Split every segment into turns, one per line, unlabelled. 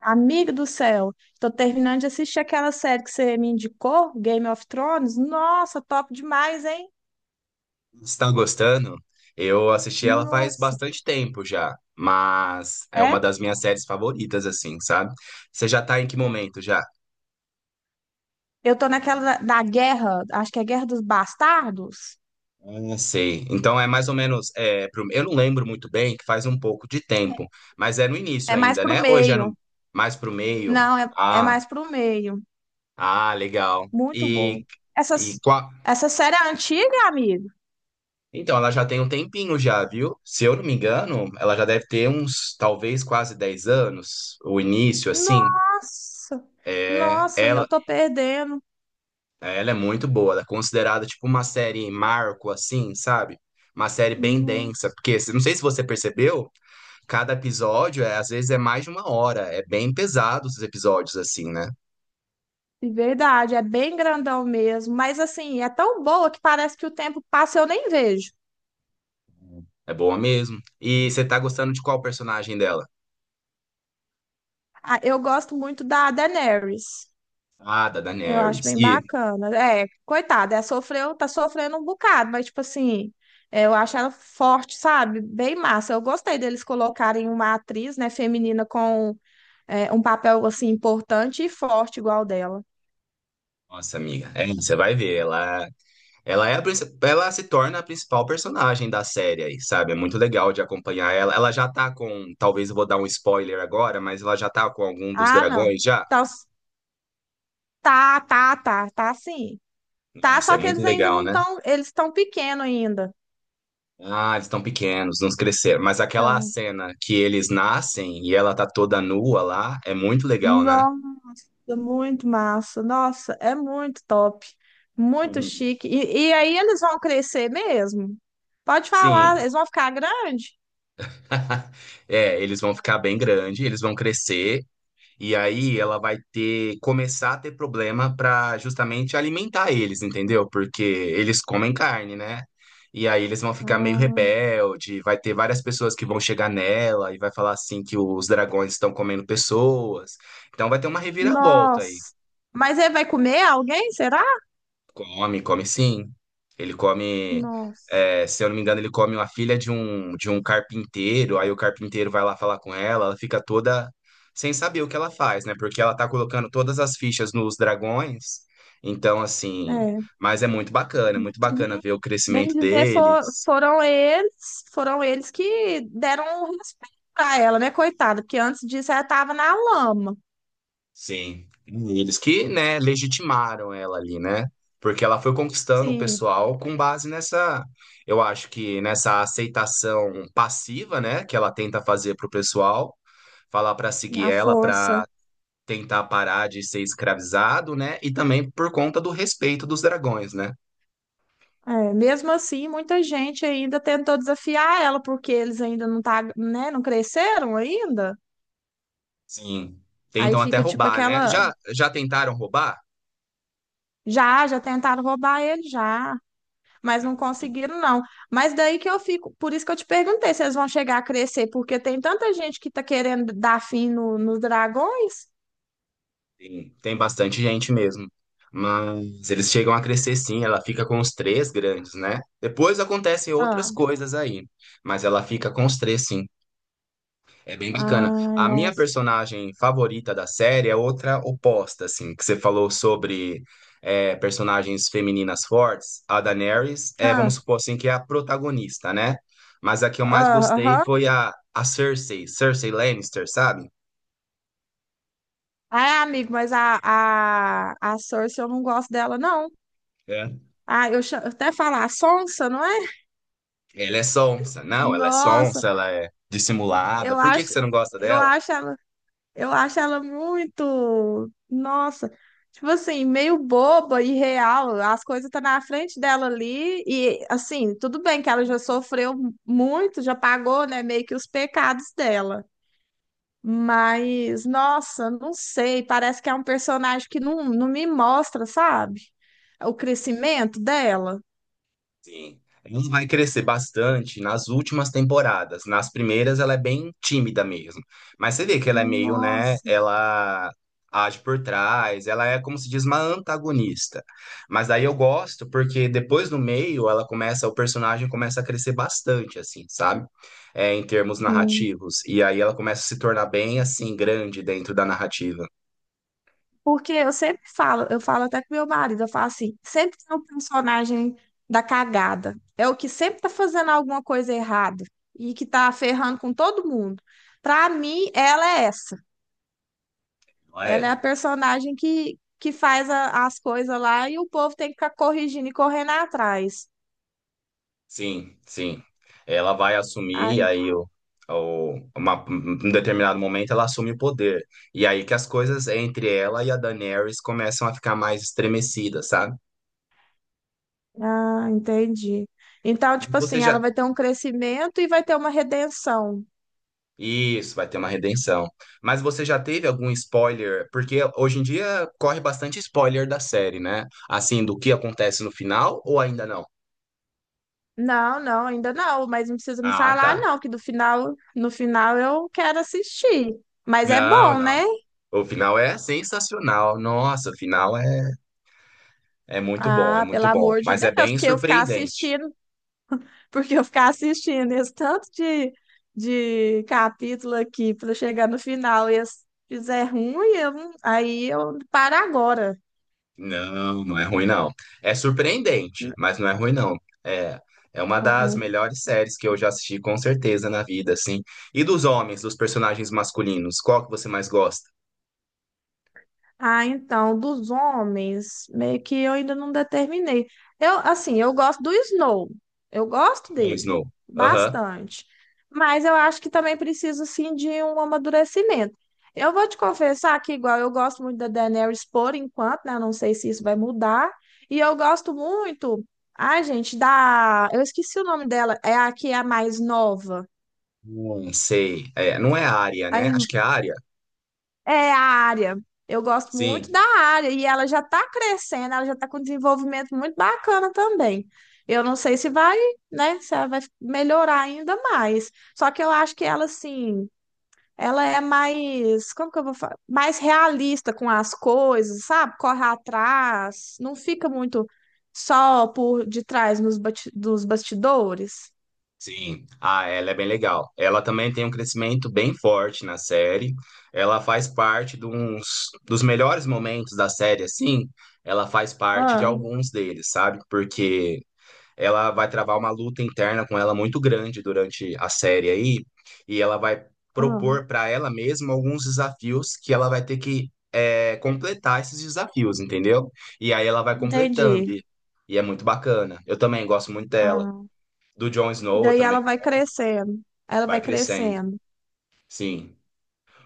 Amigo do céu, tô terminando de assistir aquela série que você me indicou, Game of Thrones. Nossa, top demais, hein?
Está gostando? Eu assisti ela faz
Nossa.
bastante tempo já, mas é uma
É?
das minhas séries favoritas, assim, sabe? Você já tá em que momento já?
Eu tô naquela da guerra, acho que é Guerra dos Bastardos.
Ah, sei. Então é mais ou menos. É, eu não lembro muito bem, que faz um pouco de
É,
tempo, mas é no início
é, mais
ainda,
pro
né? Hoje é no...
meio.
mais pro meio.
Não, é
Ah,
mais pro meio.
ah, legal.
Muito boa.
E
Essas,
qual.
essa série é antiga, amigo?
Então, ela já tem um tempinho já, viu? Se eu não me engano, ela já deve ter uns, talvez, quase 10 anos, o início, assim.
Nossa,
É,
nossa, e eu
ela,
tô perdendo.
Ela é muito boa, ela é considerada tipo uma série marco, assim, sabe? Uma série bem densa,
Nossa.
porque não sei se você percebeu, cada episódio é, às vezes é mais de uma hora, é bem pesado os episódios, assim, né?
Verdade, é bem grandão mesmo, mas assim, é tão boa que parece que o tempo passa e eu nem vejo.
É boa mesmo. E você tá gostando de qual personagem dela?
Ah, eu gosto muito da Daenerys.
Ah, da
Eu acho
Daenerys.
bem
E,
bacana. É, coitada, é, sofreu, tá sofrendo um bocado, mas tipo assim, é, eu acho ela forte, sabe? Bem massa. Eu gostei deles colocarem uma atriz, né, feminina com é, um papel assim importante e forte igual dela.
nossa amiga, é, você vai ver, ela, ela se torna a principal personagem da série aí, sabe? É muito legal de acompanhar ela. Ela já tá com, talvez eu vou dar um spoiler agora, mas ela já tá com algum dos
Ah, não.
dragões já?
Tá, tá sim. Tá,
Nossa, é
só que
muito
eles ainda
legal,
não
né?
estão, eles estão pequenos ainda.
Ah, eles estão pequenos, não cresceram. Mas aquela
Tá.
cena que eles nascem e ela tá toda nua lá, é muito legal, né?
Nossa, muito massa. Nossa, é muito top. Muito
Uhum.
chique. E aí eles vão crescer mesmo? Pode falar,
Sim.
eles vão ficar grandes?
É, eles vão ficar bem grande, eles vão crescer. E aí ela vai ter começar a ter problema para justamente alimentar eles, entendeu? Porque eles comem carne, né? E aí eles vão ficar meio
Ah,
rebelde, vai ter várias pessoas que vão chegar nela e vai falar assim que os dragões estão comendo pessoas. Então vai ter uma reviravolta aí.
nossa. Mas ele vai comer alguém, será?
Come, come sim. Ele come,
Nossa.
é, se eu não me engano, ele come uma filha de um, carpinteiro, aí o carpinteiro vai lá falar com ela, ela fica toda sem saber o que ela faz, né? Porque ela tá colocando todas as fichas nos dragões. Então, assim,
É.
mas é muito bacana ver o
Bem
crescimento
dizer,
deles.
foram eles que deram o respeito pra ela, né, coitada? Porque antes disso ela tava na lama.
Sim. E eles que, né, legitimaram ela ali, né? Porque ela foi conquistando o
Sim,
pessoal com base nessa, eu acho que nessa aceitação passiva, né, que ela tenta fazer pro pessoal, falar para seguir
na
ela, para
força.
tentar parar de ser escravizado, né? E também por conta do respeito dos dragões, né?
É, mesmo assim, muita gente ainda tentou desafiar ela, porque eles ainda não tá, né, não cresceram ainda.
Sim.
Aí
Tentam até
fica tipo
roubar, né?
aquela,
Já já tentaram roubar?
já, já tentaram roubar ele, já, mas não conseguiram, não. Mas daí que eu fico, por isso que eu te perguntei se eles vão chegar a crescer, porque tem tanta gente que tá querendo dar fim nos dragões.
Tem bastante gente mesmo. Mas eles chegam a crescer sim, ela fica com os três grandes, né? Depois acontecem outras
Ah,
coisas aí, mas ela fica com os três sim. É bem bacana.
ai,
A minha
nossa.
personagem favorita da série é outra oposta, assim, que você falou sobre personagens femininas fortes. A Daenerys, é, vamos
Ah,
supor assim, que é a protagonista, né? Mas a que eu mais
ah,
gostei
aham.
foi a Cersei, Cersei Lannister, sabe?
Ai, amigo, mas a Cersei eu não gosto dela, não. Ah, eu até falar a Sonsa, não é?
Ela é sonsa. Não, ela é
Nossa,
sonsa, ela é dissimulada.
eu
Por que que
acho,
você não gosta
eu
dela?
acho ela, eu acho ela muito, nossa, tipo assim, meio boba e real. As coisas tá na frente dela ali e assim, tudo bem que ela já sofreu muito, já pagou, né, meio que os pecados dela. Mas, nossa, não sei, parece que é um personagem que não, não me mostra, sabe? O crescimento dela.
Sim. Ela vai crescer bastante nas últimas temporadas. Nas primeiras, ela é bem tímida mesmo. Mas você vê que ela é meio, né?
Nossa.
Ela age por trás, ela é, como se diz, uma antagonista. Mas daí eu gosto, porque depois no meio, ela começa, o personagem começa a crescer bastante, assim, sabe? É, em termos
Hum.
narrativos. E aí ela começa a se tornar bem, assim, grande dentro da narrativa.
Porque eu sempre falo, eu falo até com meu marido, eu falo assim, sempre tem um personagem da cagada. É o que sempre tá fazendo alguma coisa errada e que tá ferrando com todo mundo. Pra mim, ela é essa.
Não
Ela
é?
é a personagem que faz as coisas lá e o povo tem que ficar corrigindo e correndo atrás.
Sim, sim. Ela vai
Ah,
assumir, e
en-
aí um determinado momento ela assume o poder. E aí que as coisas entre ela e a Daenerys começam a ficar mais estremecidas, sabe?
ah, entendi. Então, tipo
Você
assim, ela
já.
vai ter um crescimento e vai ter uma redenção.
Isso, vai ter uma redenção. Mas você já teve algum spoiler? Porque hoje em dia corre bastante spoiler da série, né? Assim, do que acontece no final ou ainda não?
Não, não, ainda não, mas não precisa me
Ah,
falar,
tá.
não, que do final, no final eu quero assistir. Mas é
Não,
bom,
não.
né?
O final é sensacional. Nossa, o final é. É
Ah, pelo
muito bom,
amor de
mas é
Deus,
bem
porque eu ficar
surpreendente.
assistindo, porque eu ficar assistindo esse tanto de capítulo aqui para chegar no final e se fizer ruim, eu não- aí eu paro agora.
Não, não é ruim não. É surpreendente, mas não é ruim não. É, é uma das
Ah,
melhores séries que eu já assisti com certeza na vida, assim. E dos homens, dos personagens masculinos, qual que você mais gosta?
ah, então, dos homens, meio que eu ainda não determinei. Eu, assim, eu gosto do Snow. Eu gosto
Jon
dele
Snow. Aham.
bastante. Mas eu acho que também preciso, assim, de um amadurecimento. Eu vou te confessar que, igual, eu gosto muito da Daenerys por enquanto, né? Eu não sei se isso vai mudar. E eu gosto muito, ai, gente, da... Eu esqueci o nome dela. É a que é a mais nova.
Sei. É, não é a Arya,
A
né? Acho que é a Arya.
é a área. Eu gosto muito
Sim.
da área e ela já está crescendo, ela já está com desenvolvimento muito bacana também. Eu não sei se vai, né, se ela vai melhorar ainda mais. Só que eu acho que ela, assim, ela é mais, como que eu vou falar? Mais realista com as coisas, sabe? Corre atrás, não fica muito só por detrás dos bastidores.
Sim, ela é bem legal. Ela também tem um crescimento bem forte na série. Ela faz parte de dos melhores momentos da série, assim. Ela faz parte de
Ah,
alguns deles, sabe? Porque ela vai travar uma luta interna com ela muito grande durante a série aí. E ela vai
ah,
propor para ela mesma alguns desafios que ela vai ter que completar esses desafios, entendeu? E aí ela vai completando.
entendi.
E é muito bacana. Eu também gosto muito dela.
Ah,
Do Jon
e
Snow eu
daí ela
também.
vai crescendo, ela
Vai
vai
crescendo,
crescendo.
sim.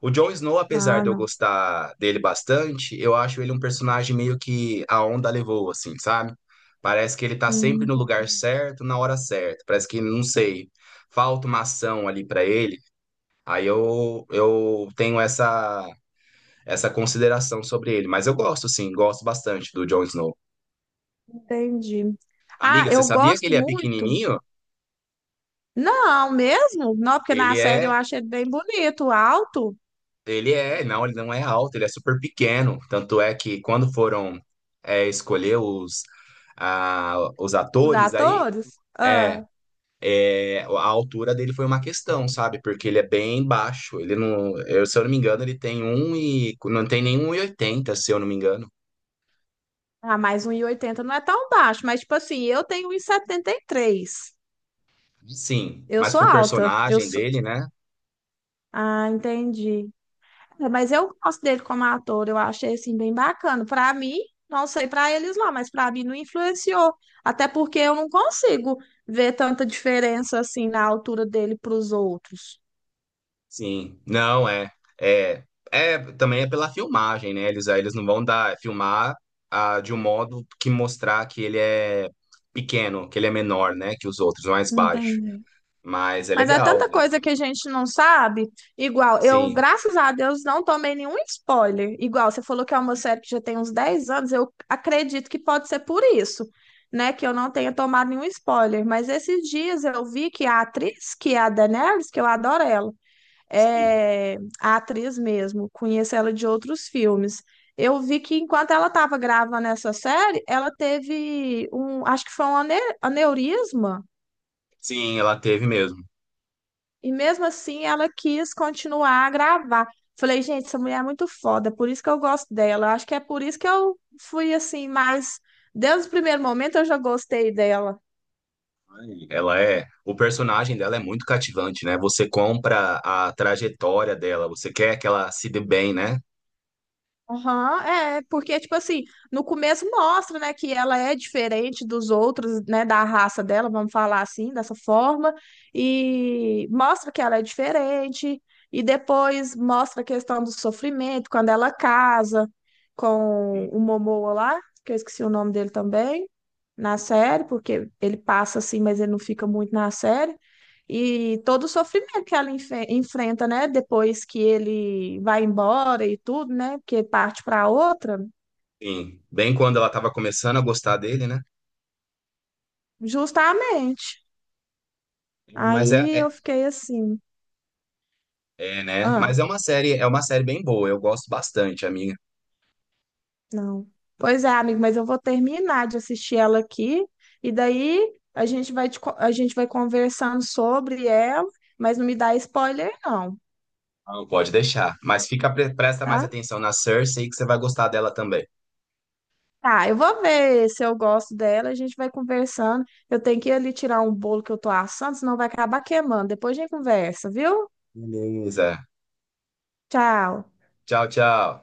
O Jon Snow, apesar
Ah,
de eu
não.
gostar dele bastante, eu acho ele um personagem meio que a onda levou, assim, sabe? Parece que ele tá sempre
Hum,
no lugar certo, na hora certa. Parece que, não sei, falta uma ação ali pra ele. Aí eu tenho essa, consideração sobre ele. Mas eu gosto, sim, gosto bastante do Jon Snow.
entendi. Ah,
Amiga, você
eu
sabia que
gosto
ele é
muito.
pequenininho?
Não, mesmo? Não, porque na
Ele
série eu
é
achei ele bem bonito, alto,
Ele é, não, ele não é alto, ele é super pequeno. Tanto é que quando foram escolher os
os
atores aí,
atores.
é,
Ah,
a altura dele foi uma questão, sabe? Porque ele é bem baixo. Ele não, eu, se eu não me engano, ele tem um e não tem nenhum 1,80, se eu não me engano.
ah, mas 1,80 não é tão baixo, mas tipo assim, eu tenho um e setenta e três.
Sim,
Eu
mas
sou
pro
alta. Eu
personagem
sou...
dele, né?
Ah, entendi. É, mas eu gosto dele como ator, eu achei assim bem bacana. Para mim, não sei para eles lá, mas para mim não influenciou, até porque eu não consigo ver tanta diferença assim na altura dele para os outros.
Sim, não é, é também é pela filmagem, né? Eles não vão dar filmar de um modo que mostrar que ele é pequeno, que ele é menor, né? Que os outros, mais baixo.
Entendi.
Mas é
Mas é
legal,
tanta
né?
coisa que a gente não sabe. Igual, eu,
Sim,
graças a Deus, não tomei nenhum spoiler. Igual, você falou que é uma série que já tem uns 10 anos, eu acredito que pode ser por isso, né? Que eu não tenha tomado nenhum spoiler. Mas esses dias eu vi que a atriz, que é a Daenerys, que eu adoro ela,
sim,
é, a atriz mesmo, conheço ela de outros filmes. Eu vi que enquanto ela estava gravando essa série, ela teve um, acho que foi um aneurisma,
sim, ela teve mesmo.
e mesmo assim ela quis continuar a gravar. Falei, gente, essa mulher é muito foda, é por isso que eu gosto dela. Acho que é por isso que eu fui assim, mais desde o primeiro momento eu já gostei dela.
O personagem dela é muito cativante, né? Você compra a trajetória dela, você quer que ela se dê bem, né?
Aham, é, porque, tipo assim, no começo mostra, né, que ela é diferente dos outros, né, da raça dela, vamos falar assim, dessa forma, e mostra que ela é diferente, e depois mostra a questão do sofrimento, quando ela casa com o Momoa lá, que eu esqueci o nome dele também, na série, porque ele passa assim, mas ele não fica muito na série. E todo o sofrimento que ela enfrenta, né? Depois que ele vai embora e tudo, né? Porque parte para outra,
Sim, bem quando ela estava começando a gostar dele, né?
justamente.
Mas é,
Aí
é
eu fiquei assim,
É, né?
ah,
Mas é uma série, bem boa, eu gosto bastante, amiga.
não. Pois é, amigo, mas eu vou terminar de assistir ela aqui e daí a gente vai, a gente vai conversando sobre ela, mas não me dá spoiler, não,
Não pode deixar. Mas fica, presta mais
tá?
atenção na Cersei que você vai gostar dela também.
Tá, eu vou ver se eu gosto dela, a gente vai conversando. Eu tenho que ir ali tirar um bolo que eu tô assando, senão vai acabar queimando. Depois a gente conversa, viu?
Beleza.
Tchau.
Tchau, tchau.